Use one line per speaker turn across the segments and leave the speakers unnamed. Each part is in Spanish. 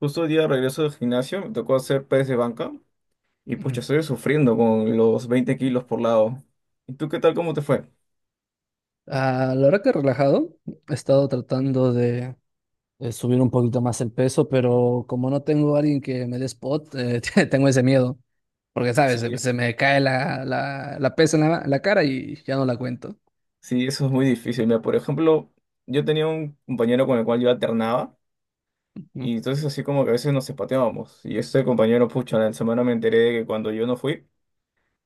Justo hoy día regreso del gimnasio me tocó hacer press de banca y
Ujú.
pucha, estoy sufriendo con los 20 kilos por lado. ¿Y tú qué tal? ¿Cómo te fue?
A la hora que he relajado, he estado tratando de subir un poquito más el peso, pero como no tengo a alguien que me dé spot, tengo ese miedo. Porque, ¿sabes? Se,
Sí,
se me cae la pesa en la cara y ya no la cuento.
sí, eso es muy difícil. Mira, por ejemplo, yo tenía un compañero con el cual yo alternaba
Ujú,
y entonces así como que a veces nos zapateábamos. Y este compañero, pucha, en la semana me enteré de que cuando yo no fui,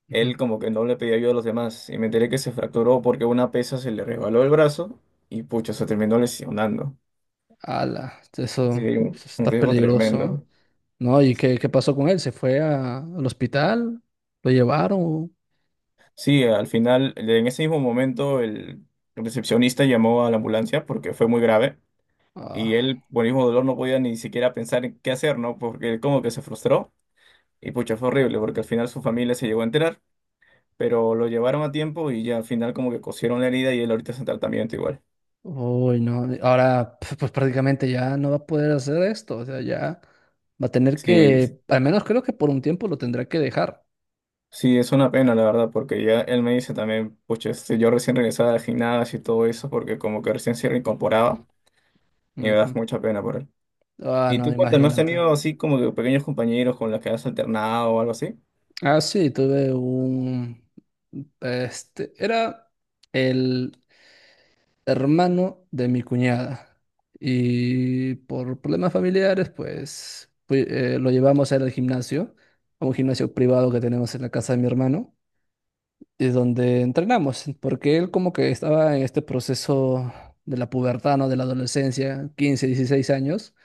ujú.
él como que no le pedía ayuda a los demás y me enteré que se fracturó porque una pesa se le resbaló el brazo y pucha, se terminó lesionando.
Ala, eso,
Sí, un
eso
un
está
riesgo
peligroso, ¿eh?
tremendo.
¿No? ¿Y
Sí.
qué pasó con él? ¿Se fue al hospital? ¿Lo llevaron?
Sí, al final, en ese mismo momento, el recepcionista llamó a la ambulancia porque fue muy grave y
Ah.
él, por el mismo dolor, no podía ni siquiera pensar en qué hacer, ¿no? Porque él como que se frustró y pucha, fue horrible porque al final su familia se llegó a enterar, pero lo llevaron a tiempo y ya al final como que cosieron la herida y él ahorita está en tratamiento igual.
Uy, no, ahora pues prácticamente ya no va a poder hacer esto, o sea, ya va a tener
Sí,
que,
sí,
al menos creo que por un tiempo lo tendrá que dejar.
sí, es una pena, la verdad, porque ya él me dice también, pucha, yo recién regresaba al gimnasio y todo eso porque como que recién se reincorporaba y me da
Ujú.
mucha pena por él.
Ah,
Y
no,
tú cuéntame, ¿has
imagínate.
tenido así como que pequeños compañeros con los que has alternado o algo así?
Ah, sí, tuve un, era el hermano de mi cuñada y por problemas familiares, pues lo llevamos a ir al gimnasio, a un gimnasio privado que tenemos en la casa de mi hermano. Y donde entrenamos, porque él como que estaba en este proceso de la pubertad, ¿no? De la adolescencia, 15, 16 años,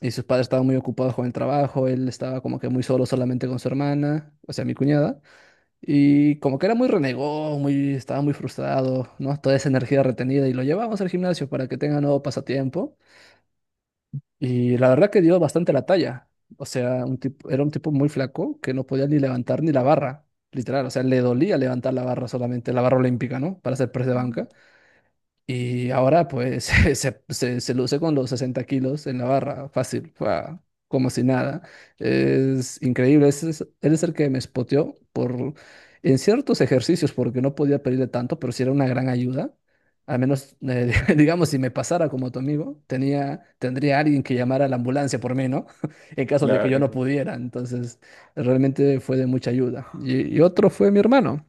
y sus padres estaban muy ocupados con el trabajo, él estaba como que muy solo solamente con su hermana, o sea, mi cuñada, y como que era muy renegón, estaba muy frustrado, ¿no? Toda esa energía retenida, y lo llevamos al gimnasio para que tenga nuevo pasatiempo. Y la verdad que dio bastante la talla. O sea, era un tipo muy flaco que no podía ni levantar ni la barra, literal. O sea, le dolía levantar la barra solamente, la barra olímpica, ¿no? Para hacer press de
Ah,
banca. Y ahora pues se luce con los 60 kilos en la barra, fácil, fua, como si nada. Es increíble, él es el que me spoteó en ciertos ejercicios, porque no podía pedirle tanto, pero sí era una gran ayuda. Al menos, digamos, si me pasara como tu amigo, tendría alguien que llamara a la ambulancia por mí, ¿no? En caso de que yo
claro,
no
eso
pudiera. Entonces, realmente fue de mucha ayuda. Y otro fue mi hermano.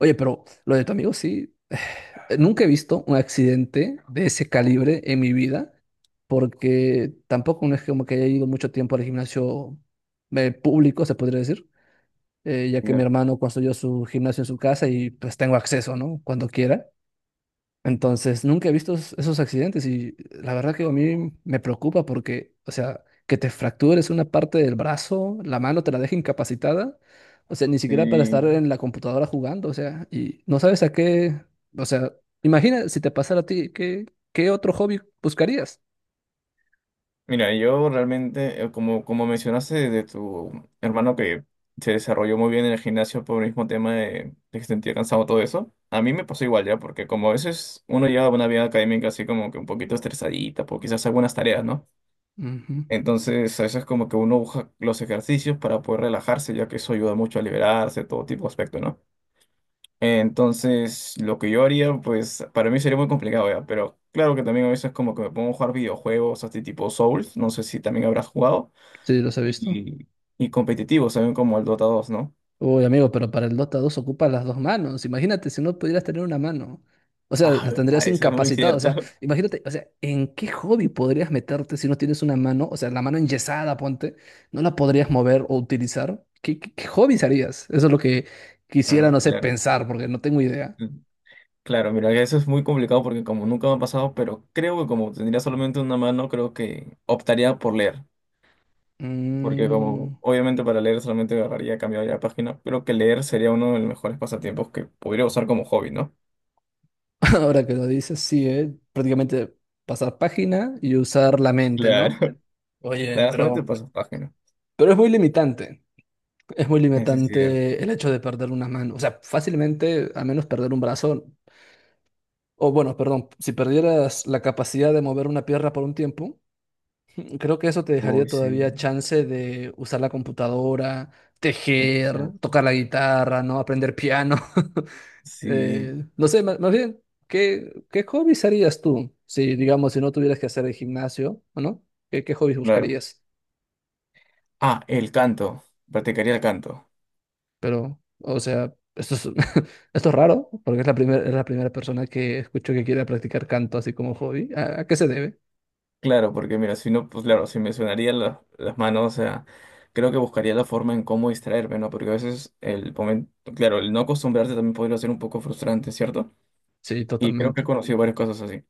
Oye, pero lo de tu amigo sí. Nunca he visto un accidente de ese calibre en mi vida, porque tampoco no es como que haya ido mucho tiempo al gimnasio público, se podría decir, ya
sí,
que mi
no,
hermano construyó su gimnasio en su casa y pues tengo acceso, ¿no? Cuando quiera. Entonces, nunca he visto esos accidentes y la verdad que a mí me preocupa porque, o sea, que te fractures una parte del brazo, la mano te la deja incapacitada, o sea, ni siquiera para estar
sí.
en la computadora jugando, o sea, y no sabes a qué, o sea, imagina si te pasara a ti, ¿qué otro hobby buscarías?
Mira, yo realmente, como, como mencionaste de tu hermano que se desarrolló muy bien en el gimnasio por el mismo tema de que se sentía cansado todo eso, a mí me pasó igual ya, porque como a veces uno lleva una vida académica así como que un poquito estresadita, por quizás algunas tareas, ¿no?
Ujú,
Entonces, a veces como que uno busca los ejercicios para poder relajarse, ya que eso ayuda mucho a liberarse, todo tipo de aspecto, ¿no? Entonces, lo que yo haría, pues para mí sería muy complicado, ¿ya? Pero claro que también a veces como que me pongo a jugar videojuegos, así tipo Souls, no sé si también habrás jugado,
sí, los he visto.
y, y competitivos también como el Dota 2, ¿no?
Uy, amigo, pero para el Dota 2 ocupas las dos manos. Imagínate si no pudieras tener una mano. O sea,
Ah,
las tendrías
verdad, eso es muy
incapacitadas. O
cierto.
sea, imagínate, o sea, ¿en qué hobby podrías meterte si no tienes una mano? O sea, la mano enyesada, ponte, no la podrías mover o utilizar. ¿Qué hobbies harías? Eso es lo que quisiera, no
Mm.
sé,
Claro.
pensar, porque no tengo idea.
Mm. Claro, mira, eso es muy complicado porque como nunca me ha pasado, pero creo que como tendría solamente una mano, creo que optaría por leer, porque
Mm,
como obviamente para leer solamente agarraría, cambiaría la página, pero que leer sería uno de los mejores pasatiempos que podría usar como hobby, ¿no?
ahora que lo dices, sí, ¿eh? Prácticamente pasar página y usar la mente, ¿no?
Claro. Le
Oye,
das cuenta y
pero,
pasas página.
pero es muy limitante. Es muy
Eso es
limitante
cierto.
el hecho de perder una mano. O sea, fácilmente, a menos perder un brazo, o bueno, perdón, si perdieras la capacidad de mover una pierna por un tiempo, creo que eso te dejaría
Uy,
todavía
sí.
chance de usar la computadora,
Eso es
tejer,
cierto.
tocar la guitarra, ¿no? Aprender piano.
Sí,
No sé, más bien, ¿qué hobbies harías tú? Si, digamos, si no tuvieras que hacer el gimnasio, ¿o no? ¿Qué hobbies
claro.
buscarías?
Ah, el canto. Practicaría el canto.
Pero, o sea, esto es raro, porque es la primera persona que escucho que quiere practicar canto así como hobby. ¿A qué se debe?
Claro, porque mira, si no, pues claro, si me sonarían la- las manos, o sea, creo que buscaría la forma en cómo distraerme, ¿no? Porque a veces el momento, claro, el no acostumbrarte también podría ser un poco frustrante, ¿cierto?
Sí,
Y creo que he
totalmente.
conocido varias cosas así.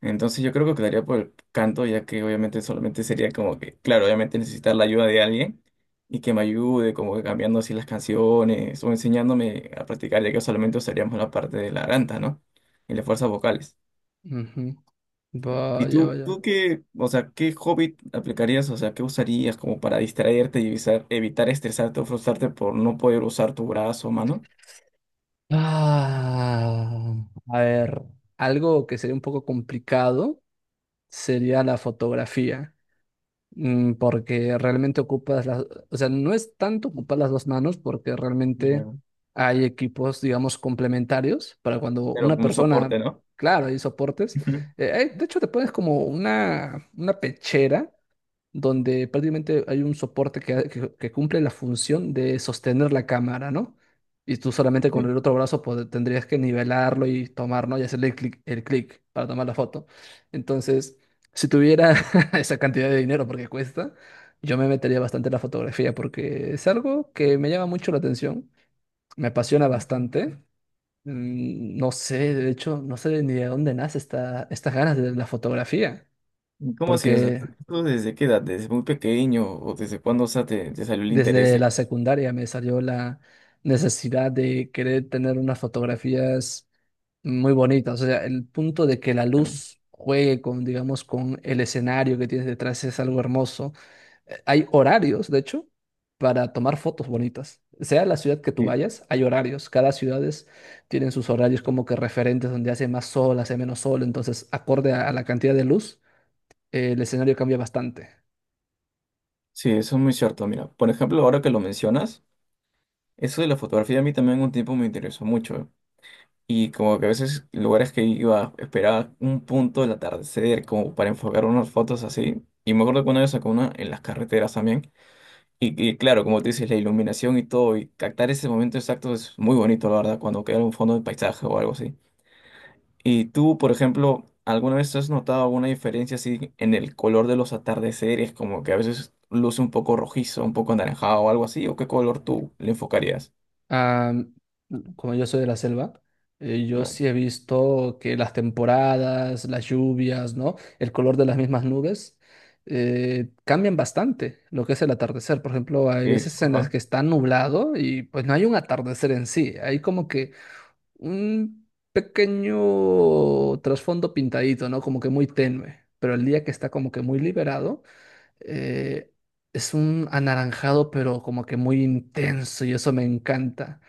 Entonces yo creo que quedaría por el canto, ya que obviamente solamente sería como que, claro, obviamente necesitar la ayuda de alguien y que me ayude como que cambiando así las canciones o enseñándome a practicar, ya que solamente usaríamos la parte de la garganta, ¿no? Y las fuerzas vocales.
Ujú.
¿Y tú,
Vaya,
claro, tú
vaya.
qué, o sea, qué hobby aplicarías, o sea, qué usarías como para distraerte y evitar estresarte o frustrarte por no poder usar tu brazo o mano?
Ah, a ver, algo que sería un poco complicado sería la fotografía, porque realmente ocupas las, o sea, no es tanto ocupar las dos manos porque realmente
Claro.
hay equipos, digamos, complementarios para cuando
Pero
una
como un soporte,
persona,
¿no?
claro, hay soportes.
Ujú.
De hecho, te pones como una pechera donde prácticamente hay un soporte que cumple la función de sostener la cámara, ¿no? Y tú solamente con
Sí.
el otro brazo tendrías que nivelarlo y tomar, ¿no? Y hacerle el clic para tomar la foto. Entonces, si tuviera esa cantidad de dinero, porque cuesta, yo me metería bastante en la fotografía, porque es algo que me llama mucho la atención, me apasiona bastante. No sé, de hecho, no sé ni de dónde nace estas ganas de la fotografía,
¿Cómo así? O sea,
porque
¿tú desde qué edad? ¿Desde muy pequeño? ¿O desde cuándo, o sea, te salió el interés?
desde
¿De
la secundaria me salió la necesidad de querer tener unas fotografías muy bonitas. O sea, el punto de que la
claro?
luz juegue con, digamos, con el escenario que tienes detrás es algo hermoso. Hay horarios, de hecho, para tomar fotos bonitas. Sea la ciudad que tú
Sí,
vayas, hay horarios. Cada ciudades tienen sus horarios como que referentes donde hace más sol, hace menos sol. Entonces, acorde a la cantidad de luz, el escenario cambia bastante.
sí, eso es muy cierto. Mira, por ejemplo, ahora que lo mencionas, eso de la fotografía a mí también un tiempo me interesó mucho, ¿eh? Y como que a veces lugares que iba, esperaba un punto del atardecer como para enfocar unas fotos así. Y me acuerdo que una vez sacó una en las carreteras también. Y claro, como tú dices, la iluminación y todo, y captar ese momento exacto es muy bonito, la verdad, cuando queda un fondo de paisaje o algo así. Y tú, por ejemplo, ¿alguna vez has notado alguna diferencia así en el color de los atardeceres? Como que a veces luce un poco rojizo, un poco anaranjado o algo así, ¿o qué color tú le enfocarías?
Ah, como yo soy de la selva, yo
Claro.
sí he visto que las temporadas, las lluvias, ¿no? El color de las mismas nubes cambian bastante lo que es el atardecer. Por ejemplo, hay veces
Eso,
en las
ajá.
que está nublado y pues no hay un atardecer en sí. Hay como que un pequeño trasfondo pintadito, ¿no? Como que muy tenue. Pero el día que está como que muy liberado, eh, es un anaranjado, pero como que muy intenso y eso me encanta,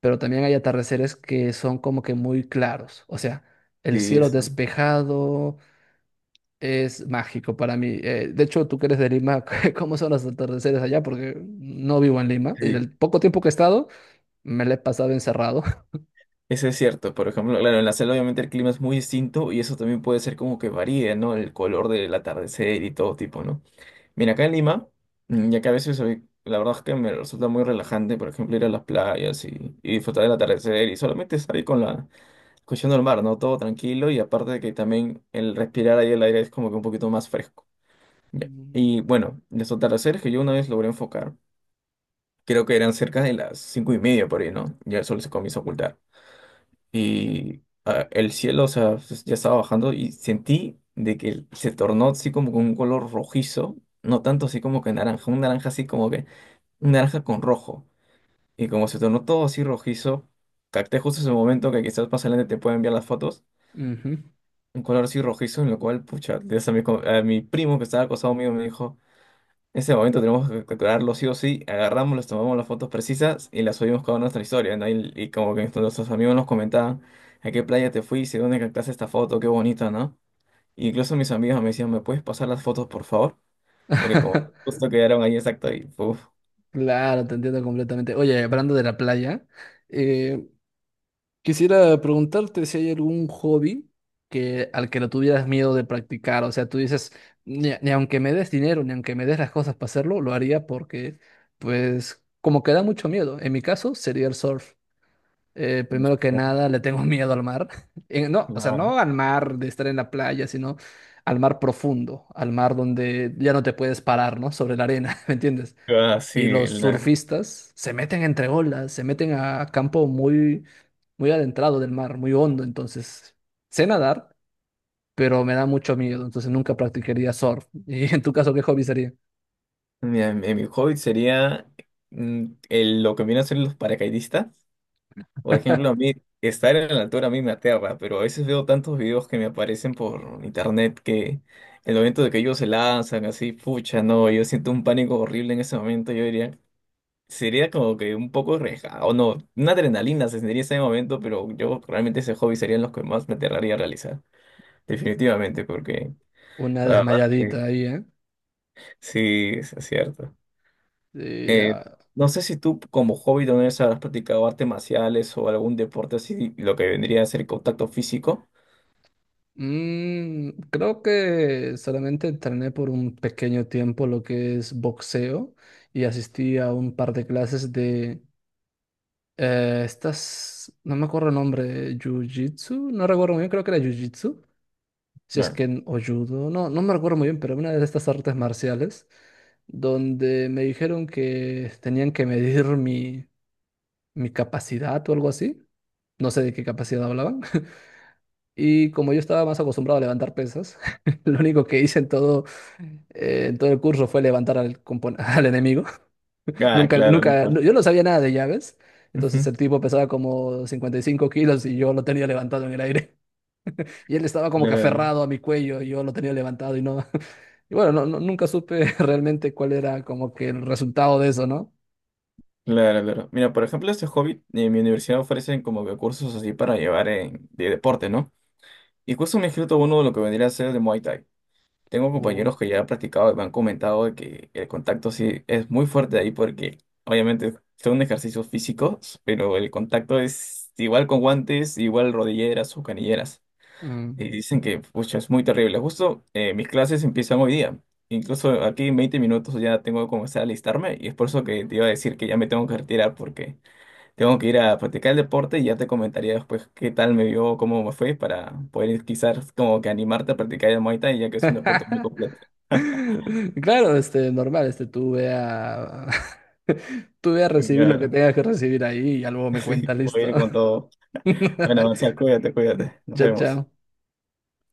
pero también hay atardeceres que son como que muy claros. O sea, el
Sí,
cielo
eso.
despejado es mágico para mí. De hecho, tú que eres de Lima, ¿cómo son los atardeceres allá? Porque no vivo en Lima y
Sí.
el poco tiempo que he estado me lo he pasado encerrado.
Eso es cierto. Por ejemplo, claro, en la selva obviamente el clima es muy distinto y eso también puede ser como que varíe, ¿no? El color del atardecer y todo tipo, ¿no? Mira, acá en Lima, mm, ya que a veces soy- la verdad es que me resulta muy relajante, por ejemplo, ir a las playas y disfrutar del atardecer y solamente salir con la escuchando el mar, ¿no? Todo tranquilo y aparte de que también el respirar ahí el aire es como que un poquito más fresco. Ya.
Mm.
Y bueno, los atardeceres que yo una vez logré enfocar, creo que eran cerca de las 5:30 por ahí, ¿no? Ya el sol se comienza a ocultar. Y ah, el cielo, o sea, ya estaba bajando y sentí de que se tornó así como con un color rojizo, no tanto así como que naranja, un naranja así como que, un naranja con rojo. Y como se tornó todo así rojizo, capté justo ese momento que quizás más adelante te pueda enviar las fotos
Ujú.
un color así rojizo, en lo cual, pucha, de eso a mi, a mi primo que estaba acostado mío me dijo, ese momento tenemos que capturarlo sí o sí, agarramos, les tomamos las fotos precisas y las subimos cada una a nuestra historia, ¿no? Y como que nuestros amigos nos comentaban, ¿a qué playa te fuiste? ¿Dónde captaste esta foto? Qué bonita, ¿no? Y incluso mis amigos me decían, ¿me puedes pasar las fotos, por favor? Porque como justo quedaron ahí exacto y, puf,
Claro, te entiendo completamente. Oye, hablando de la playa, eh, Quisiera preguntarte si hay algún hobby que, al que no tuvieras miedo de practicar. O sea, tú dices, ni aunque me des dinero, ni aunque me des las cosas para hacerlo, lo haría porque, pues, como que da mucho miedo. En mi caso, sería el surf. Primero que nada, le tengo miedo al mar. No, o sea,
claro.
no al mar de estar en la playa, sino al mar profundo, al mar donde ya no te puedes parar, ¿no? Sobre la arena, ¿me entiendes?
Ah, sí,
Y los
la-
surfistas se meten entre olas, se meten a campo muy muy adentrado del mar, muy hondo, entonces sé nadar, pero me da mucho miedo, entonces nunca practicaría surf. ¿Y en tu caso qué hobby sería?
mira, mi hobby sería mm, lo que viene a ser los paracaidistas. Por ejemplo, a mí estar en la altura a mí me aterra, pero a veces veo tantos videos que me aparecen por internet que el momento de que ellos se lanzan así, pucha, no, yo siento un pánico horrible en ese momento, yo diría, sería como que un poco arriesgado, no, una adrenalina se sentiría en ese momento, pero yo realmente ese hobby serían los que más me aterraría a realizar, definitivamente, porque
Una
la verdad que
desmayadita ahí, ¿eh?
sí, es cierto.
Y,
Eh, no sé si tú como hobby también has practicado artes marciales o algún deporte así, lo que vendría a ser contacto físico.
creo que solamente entrené por un pequeño tiempo lo que es boxeo y asistí a un par de clases de estas, no me acuerdo el nombre, jiu-jitsu, no recuerdo muy bien, creo que era jiu-jitsu si es
Claro.
que en o judo, no, no me recuerdo muy bien, pero una de estas artes marciales, donde me dijeron que tenían que medir mi, mi capacidad o algo así. No sé de qué capacidad hablaban. Y como yo estaba más acostumbrado a levantar pesas, lo único que hice en todo el curso fue levantar al enemigo.
Ah,
Nunca,
claro, la
nunca, no-
parte.
yo no sabía nada de llaves. Entonces
Ujú.
el tipo pesaba como 55 kilos y yo lo tenía levantado en el aire. Y él estaba como que
Claro,
aferrado a mi cuello y yo lo tenía levantado y no. Y bueno, no, nunca supe realmente cuál era como que el resultado de eso, ¿no?
claro, claro. Mira, por ejemplo, este hobby, en mi universidad ofrecen como que cursos así para llevar en- de deporte, ¿no? Y justo me he inscrito a uno de lo que vendría a ser de Muay Thai. Tengo
Uh,
compañeros que ya han practicado y me han comentado de que el contacto sí es muy fuerte ahí porque obviamente son ejercicios físicos, pero el contacto es igual con guantes, igual rodilleras o canilleras.
mm.
Y dicen que, pucha, es muy terrible. Justo mis clases empiezan hoy día. Incluso aquí en 20 minutos ya tengo que comenzar a alistarme y es por eso que te iba a decir que ya me tengo que retirar porque tengo que ir a practicar el deporte y ya te comentaría después qué tal me vio, cómo me fue para poder quizás como que animarte a practicar el Muay Thai ya que es un deporte muy completo.
Claro, normal, tú ve a recibir lo que
Claro,
tengas que recibir ahí y ya luego me
sí,
cuentas,
voy a
listo.
ir con todo. Bueno, Marcial, cuídate, cuídate. Nos
Chao,
vemos.
chao.